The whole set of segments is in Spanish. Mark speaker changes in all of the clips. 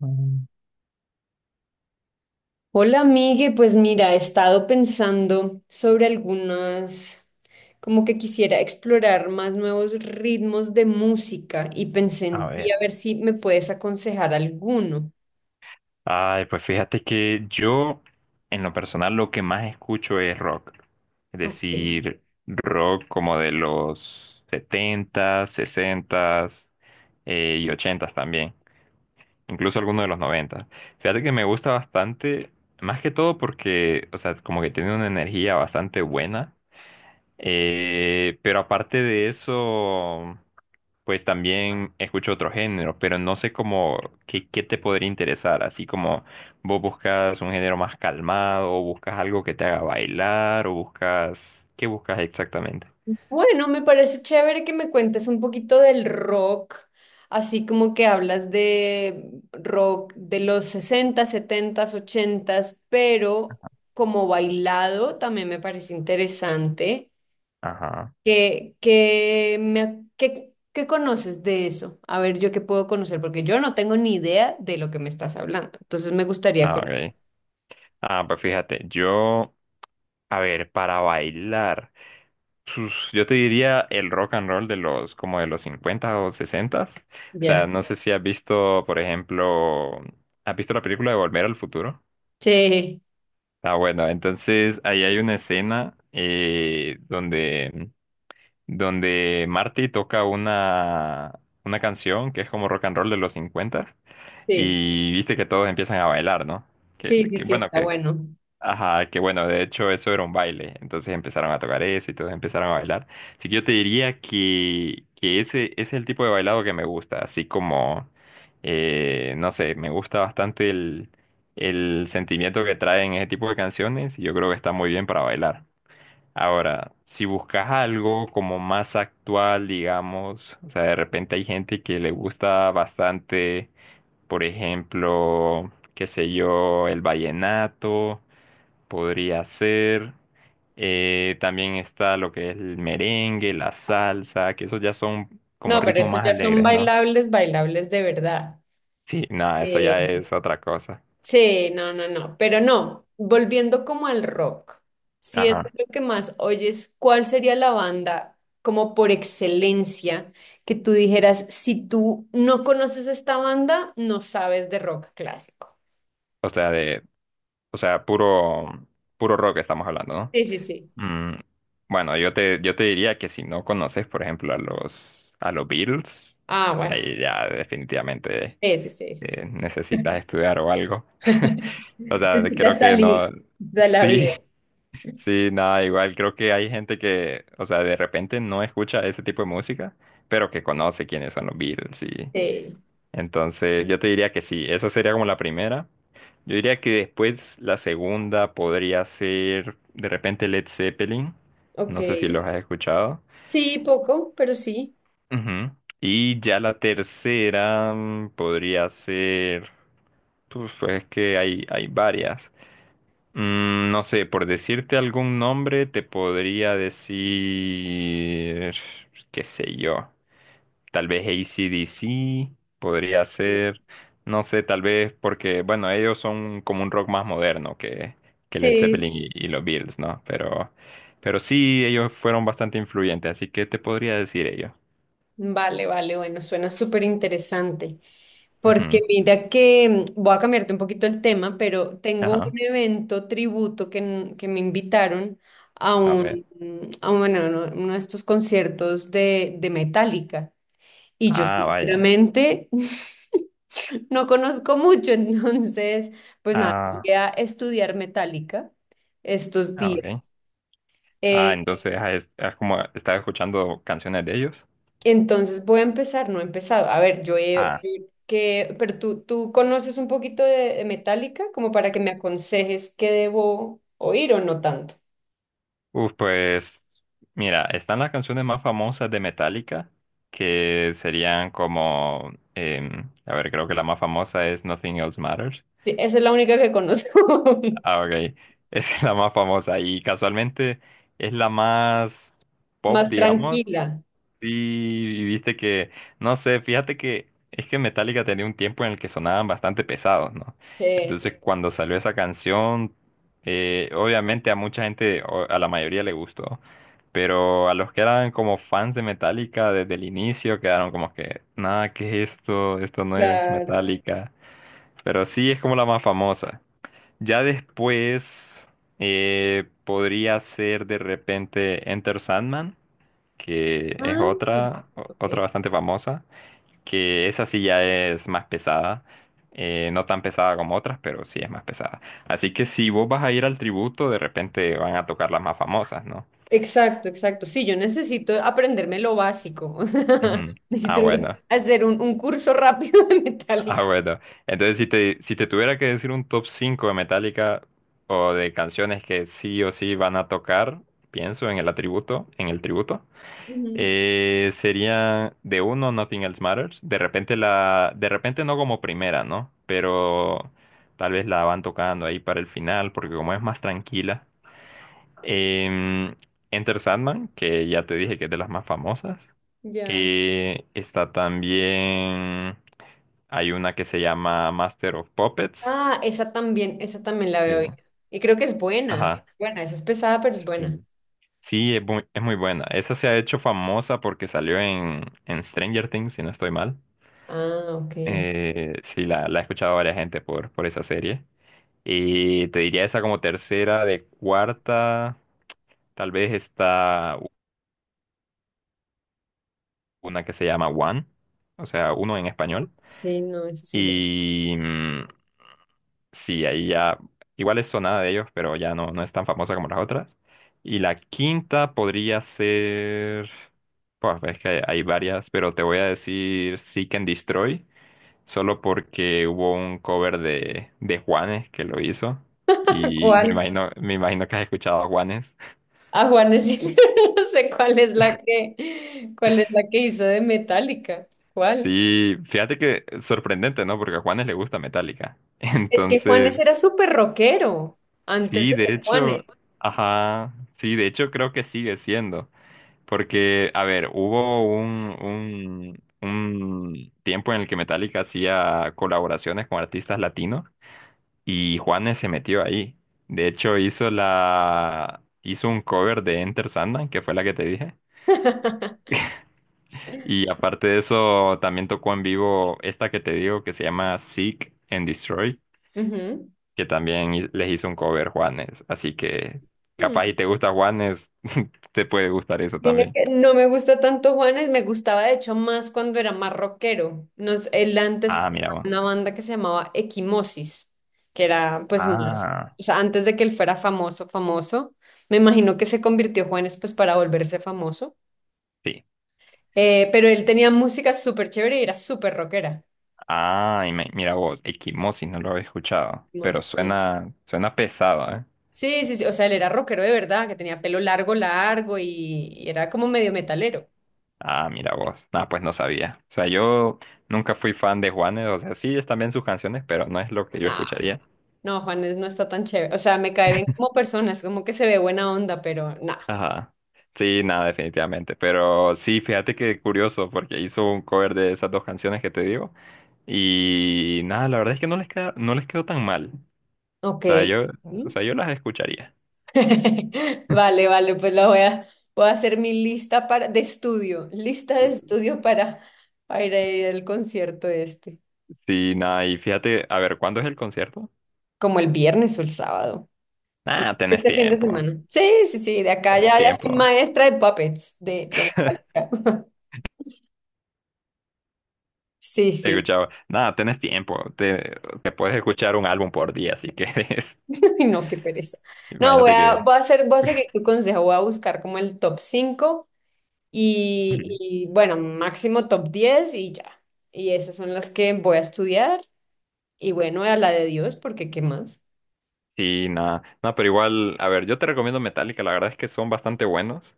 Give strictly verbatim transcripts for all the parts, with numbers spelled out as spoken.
Speaker 1: Mm,
Speaker 2: Hola, Migue. Pues mira, he estado pensando sobre algunas, como que quisiera explorar más nuevos ritmos de música y pensé
Speaker 1: A
Speaker 2: en ti
Speaker 1: ver.
Speaker 2: a ver si me puedes aconsejar alguno.
Speaker 1: Ay, pues fíjate que yo, en lo personal, lo que más escucho es rock. Es
Speaker 2: Ok.
Speaker 1: decir, rock como de los setentas, sesentas eh, y ochentas también. Incluso algunos de los noventas. Fíjate que me gusta bastante, más que todo porque, o sea, como que tiene una energía bastante buena. Eh, pero aparte de eso. Pues también escucho otro género, pero no sé cómo, qué, qué te podría interesar, así como vos buscas un género más calmado, o buscas algo que te haga bailar, o buscas, ¿qué buscas exactamente?
Speaker 2: Bueno, me parece chévere que me cuentes un poquito del rock, así como que hablas de rock de los sesenta, setenta, ochenta, pero como bailado también me parece interesante.
Speaker 1: Ajá,
Speaker 2: ¿Qué, qué me, qué, qué conoces de eso? A ver, yo qué puedo conocer, porque yo no tengo ni idea de lo que me estás hablando. Entonces me gustaría
Speaker 1: ah,
Speaker 2: conocer.
Speaker 1: ok. Ah, pues fíjate, yo, a ver, para bailar, sus- yo te diría el rock and roll de los, como de los cincuenta o sesenta. O sea,
Speaker 2: Ya.
Speaker 1: no sé si has visto, por ejemplo, ¿has visto la película de Volver al Futuro?
Speaker 2: Sí,
Speaker 1: Ah, bueno, entonces ahí hay una escena eh, donde, donde Marty toca una, una canción que es como rock and roll de los cincuenta,
Speaker 2: sí,
Speaker 1: y viste que todos empiezan a bailar, ¿no? Que,
Speaker 2: sí, sí,
Speaker 1: que,
Speaker 2: sí,
Speaker 1: bueno,
Speaker 2: está
Speaker 1: que,
Speaker 2: bueno.
Speaker 1: ajá, que bueno, de hecho eso era un baile, entonces empezaron a tocar eso y todos empezaron a bailar. Así que yo te diría que, que ese, ese es el tipo de bailado que me gusta, así como, eh, no sé, me gusta bastante el, el sentimiento que traen ese tipo de canciones y yo creo que está muy bien para bailar. Ahora, si buscas algo como más actual, digamos, o sea, de repente hay gente que le gusta bastante, por ejemplo, qué sé yo, el vallenato podría ser. Eh, también está lo que es el merengue, la salsa, que esos ya son como
Speaker 2: No, pero
Speaker 1: ritmos
Speaker 2: esos
Speaker 1: más
Speaker 2: ya son
Speaker 1: alegres, ¿no?
Speaker 2: bailables, bailables de verdad.
Speaker 1: Sí, nada, eso ya
Speaker 2: Eh,
Speaker 1: es otra cosa.
Speaker 2: Sí, no, no, no, pero no, volviendo como al rock, si es
Speaker 1: Ajá.
Speaker 2: lo que más oyes, ¿cuál sería la banda como por excelencia que tú dijeras, si tú no conoces esta banda, no sabes de rock clásico?
Speaker 1: O sea, de, o sea, puro, puro rock estamos hablando, ¿no?
Speaker 2: Sí, sí, sí.
Speaker 1: Mm, bueno, yo te, yo te diría que si no conoces, por ejemplo, a los, a los Beatles,
Speaker 2: Ah,
Speaker 1: o sea,
Speaker 2: bueno,
Speaker 1: ahí
Speaker 2: sí,
Speaker 1: ya definitivamente
Speaker 2: sí, sí, sí. sí.
Speaker 1: eh, necesitas estudiar o algo. O sea, creo
Speaker 2: Necesitas
Speaker 1: que
Speaker 2: salir
Speaker 1: no,
Speaker 2: de la
Speaker 1: sí.
Speaker 2: vida.
Speaker 1: Sí, nada, igual creo que hay gente que, o sea, de repente no escucha ese tipo de música, pero que conoce quiénes son los Beatles, y
Speaker 2: Sí,
Speaker 1: entonces yo te diría que sí, esa sería como la primera. Yo diría que después la segunda podría ser de repente Led Zeppelin,
Speaker 2: ok.
Speaker 1: no sé si los has escuchado.
Speaker 2: Sí, poco, pero sí.
Speaker 1: Ujú. Y ya la tercera mm, podría ser, pues, pues, es que hay, hay varias. Mm, no sé, por decirte algún nombre, te podría decir, qué sé yo, tal vez A C D C podría ser, no sé, tal vez porque, bueno, ellos son como un rock más moderno que, que Led
Speaker 2: Sí,
Speaker 1: Zeppelin y, y los Beatles, ¿no? Pero, pero sí, ellos fueron bastante influyentes, así que te podría decir ellos.
Speaker 2: vale, vale, bueno, suena súper interesante. Porque
Speaker 1: Ujú.
Speaker 2: mira que mm, voy a cambiarte un poquito el tema, pero tengo un
Speaker 1: Ajá,
Speaker 2: evento tributo que, n- que me invitaron a
Speaker 1: a ver.
Speaker 2: un, mm, a un- bueno, uno uno de estos conciertos de, de Metallica. Y yo
Speaker 1: Ah, vaya.
Speaker 2: sinceramente no conozco mucho, entonces, pues nada,
Speaker 1: Ah,
Speaker 2: voy a estudiar Metallica estos
Speaker 1: ah,
Speaker 2: días.
Speaker 1: ok. Ah,
Speaker 2: Eh,
Speaker 1: entonces has, has como estás escuchando canciones de ellos.
Speaker 2: Entonces voy a empezar, no he empezado. A ver, yo he...
Speaker 1: Ah,
Speaker 2: yo Que, pero tú, tú conoces un poquito de, de Metallica como para que me aconsejes qué debo oír o no tanto.
Speaker 1: uf, pues mira, están las canciones más famosas de Metallica, que serían como, em, a ver, creo que la más famosa es Nothing Else Matters.
Speaker 2: Sí, esa es la única que conozco.
Speaker 1: Ah, ok, esa es la más famosa y casualmente es la más pop,
Speaker 2: Más
Speaker 1: digamos.
Speaker 2: tranquila.
Speaker 1: Sí, y viste que, no sé, fíjate que es que Metallica tenía un tiempo en el que sonaban bastante pesados, ¿no?
Speaker 2: Sí, sí,
Speaker 1: Entonces cuando salió esa canción, eh, obviamente a mucha gente, o a la mayoría le gustó, pero a los que eran como fans de Metallica desde el inicio quedaron como que, nada, ¿qué es esto? Esto no es
Speaker 2: claro.
Speaker 1: Metallica. Pero sí es como la más famosa. Ya después eh, podría ser de repente Enter Sandman, que es
Speaker 2: Ah,
Speaker 1: otra, o-
Speaker 2: ok.
Speaker 1: otra bastante famosa, que esa sí ya es más pesada, eh, no tan pesada como otras, pero sí es más pesada. Así que si vos vas a ir al tributo, de repente van a tocar las más famosas, ¿no?
Speaker 2: Exacto, exacto. Sí, yo necesito aprenderme lo básico.
Speaker 1: Ujú. Ah,
Speaker 2: Necesito
Speaker 1: bueno,
Speaker 2: hacer un, un curso rápido de
Speaker 1: ah,
Speaker 2: Metallica.
Speaker 1: bueno. Entonces, si te, si te tuviera que decir un top cinco de Metallica o de canciones que sí o sí van a tocar, pienso en el atributo, en el tributo.
Speaker 2: Ujú,
Speaker 1: Eh, sería de uno, Nothing Else Matters. De repente la, de repente no como primera, ¿no? Pero tal vez la van tocando ahí para el final, porque como es más tranquila. Em, Enter Sandman, que ya te dije que es de las más famosas.
Speaker 2: ya.
Speaker 1: Eh, está también, hay una que se llama Master of Puppets.
Speaker 2: Ah, esa también, esa también la
Speaker 1: Sí.
Speaker 2: veo bien. Y creo que es buena.
Speaker 1: Ajá.
Speaker 2: Buena, esa es pesada, pero es buena.
Speaker 1: Sí. Sí, es muy, es muy buena. Esa se ha hecho famosa porque salió en, en Stranger Things, si no estoy mal.
Speaker 2: Ah, ok.
Speaker 1: Eh, sí, la, la he escuchado a varias gente por, por esa serie. Y te diría esa como tercera, de cuarta, tal vez está una que se llama One, o sea, uno en español.
Speaker 2: Sí, no, esa sí ya.
Speaker 1: Y mm, sí, ahí ya, igual es sonada de ellos, pero ya no, no es tan famosa como las otras. Y la quinta podría ser, pues es que hay varias, pero te voy a decir Seek and Destroy. Solo porque hubo un cover de, de Juanes que lo hizo. Y me
Speaker 2: ¿Cuál?
Speaker 1: imagino, me imagino que has escuchado a Juanes.
Speaker 2: A Juanes, sí. No sé cuál es la que, cuál es la que hizo de Metallica. ¿Cuál?
Speaker 1: Sí, fíjate que sorprendente, ¿no? Porque a Juanes le gusta Metallica.
Speaker 2: Es que
Speaker 1: Entonces,
Speaker 2: Juanes era súper rockero antes
Speaker 1: sí,
Speaker 2: de
Speaker 1: de
Speaker 2: ser
Speaker 1: hecho,
Speaker 2: Juanes.
Speaker 1: ajá, sí, de hecho creo que sigue siendo. Porque, a ver, hubo un, un, un tiempo en el que Metallica hacía colaboraciones con artistas latinos. Y Juanes se metió ahí. De hecho, hizo la hizo un cover de Enter Sandman, que fue la que te dije. Y aparte de eso, también tocó en vivo esta que te digo que se llama Seek and Destroy, que también hi- les hizo un cover Juanes. Así que capaz
Speaker 2: Ujú.
Speaker 1: y te gusta Juanes, te puede gustar eso
Speaker 2: Mira
Speaker 1: también.
Speaker 2: que no me gusta tanto Juanes, me gustaba de hecho más cuando era más rockero. Nos, él antes
Speaker 1: Ah,
Speaker 2: tenía
Speaker 1: mira vos.
Speaker 2: una banda que se llamaba Equimosis, que era pues más,
Speaker 1: Ah,
Speaker 2: o sea, antes de que él fuera famoso, famoso, me imagino que se convirtió Juanes pues para volverse famoso.
Speaker 1: sí.
Speaker 2: Eh, pero él tenía música súper chévere y era súper rockera.
Speaker 1: Ah, y me- mira vos, Equimosis no lo había escuchado, pero
Speaker 2: Equimosis, sí.
Speaker 1: suena suena pesado, ¿eh?
Speaker 2: Sí, sí, sí, o sea, él era rockero de verdad, que tenía pelo largo, largo y, y era como medio metalero.
Speaker 1: Ah, mira vos. Ah, pues no sabía. O sea, yo nunca fui fan de Juanes. O sea, sí están bien sus canciones, pero no es lo que yo
Speaker 2: Nah.
Speaker 1: escucharía.
Speaker 2: No, Juanes no está tan chévere. O sea, me cae bien como persona, es como que se ve buena onda, pero nada.
Speaker 1: Ajá. Sí, nada, definitivamente. Pero sí, fíjate que curioso, porque hizo un cover de esas dos canciones que te digo. Y nada, la verdad es que no les queda, no les quedó tan mal.
Speaker 2: Ok.
Speaker 1: O sea, yo, o
Speaker 2: ¿Mm?
Speaker 1: sea, yo las escucharía.
Speaker 2: Vale, vale, pues la voy a, voy a hacer mi lista para, de estudio, lista de estudio para, para ir a ir al concierto este,
Speaker 1: Sí, nada, y fíjate, a ver, ¿cuándo es el concierto?
Speaker 2: como el viernes o el sábado, como
Speaker 1: Ah, tenés
Speaker 2: este fin de
Speaker 1: tiempo.
Speaker 2: semana. Sí, sí, sí, de acá
Speaker 1: Tenés
Speaker 2: ya, ya soy
Speaker 1: tiempo.
Speaker 2: maestra de puppets, de, de Metallica. Sí, sí.
Speaker 1: Escuchaba, nada, tenés tiempo, te, te puedes escuchar un álbum por día si quieres.
Speaker 2: Ay, no, qué pereza. No, voy
Speaker 1: Imagínate
Speaker 2: a,
Speaker 1: que...
Speaker 2: voy a hacer, voy a seguir tu consejo, voy a buscar como el top cinco. Y, y, bueno, máximo top diez y ya. Y esas son las que voy a estudiar. Y bueno, a la de Dios, porque ¿qué más?
Speaker 1: Sí, nada, no, pero igual, a ver, yo te recomiendo Metallica, la verdad es que son bastante buenos,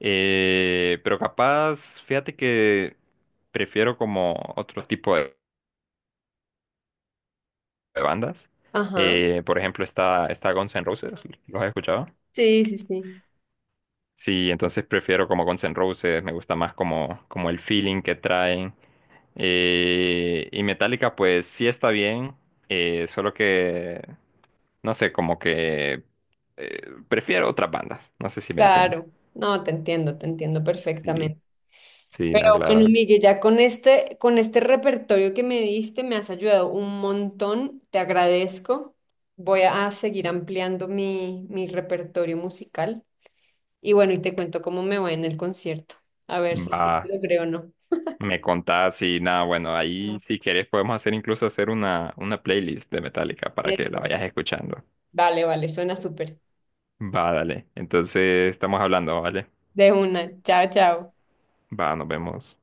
Speaker 1: eh, pero capaz, fíjate que prefiero como otro tipo de, de bandas.
Speaker 2: Ajá.
Speaker 1: Eh, por ejemplo, está, está Guns N' Roses, ¿los has escuchado?
Speaker 2: Sí, sí, sí.
Speaker 1: Sí, entonces prefiero como Guns N' Roses, me gusta más como, como el feeling que traen. Eh, y Metallica, pues sí está bien, eh, solo que, no sé, como que eh, prefiero otras bandas. No sé si me entiendes.
Speaker 2: Claro. No, te entiendo, te entiendo
Speaker 1: Sí,
Speaker 2: perfectamente.
Speaker 1: sí,
Speaker 2: Pero
Speaker 1: nada,
Speaker 2: bueno,
Speaker 1: claro.
Speaker 2: Miguel, ya con este, con este repertorio que me diste, me has ayudado un montón. Te agradezco. Voy a seguir ampliando mi, mi repertorio musical. Y bueno, y te cuento cómo me va en el concierto. A ver si sí
Speaker 1: Va,
Speaker 2: logré o no.
Speaker 1: me contás y nada, bueno, ahí si querés podemos hacer incluso hacer una, una playlist de Metallica para que
Speaker 2: Eso.
Speaker 1: la vayas escuchando.
Speaker 2: Vale, vale, suena súper.
Speaker 1: Va, dale. Entonces estamos hablando, ¿vale?
Speaker 2: De una. Chao, chao.
Speaker 1: Va, nos vemos.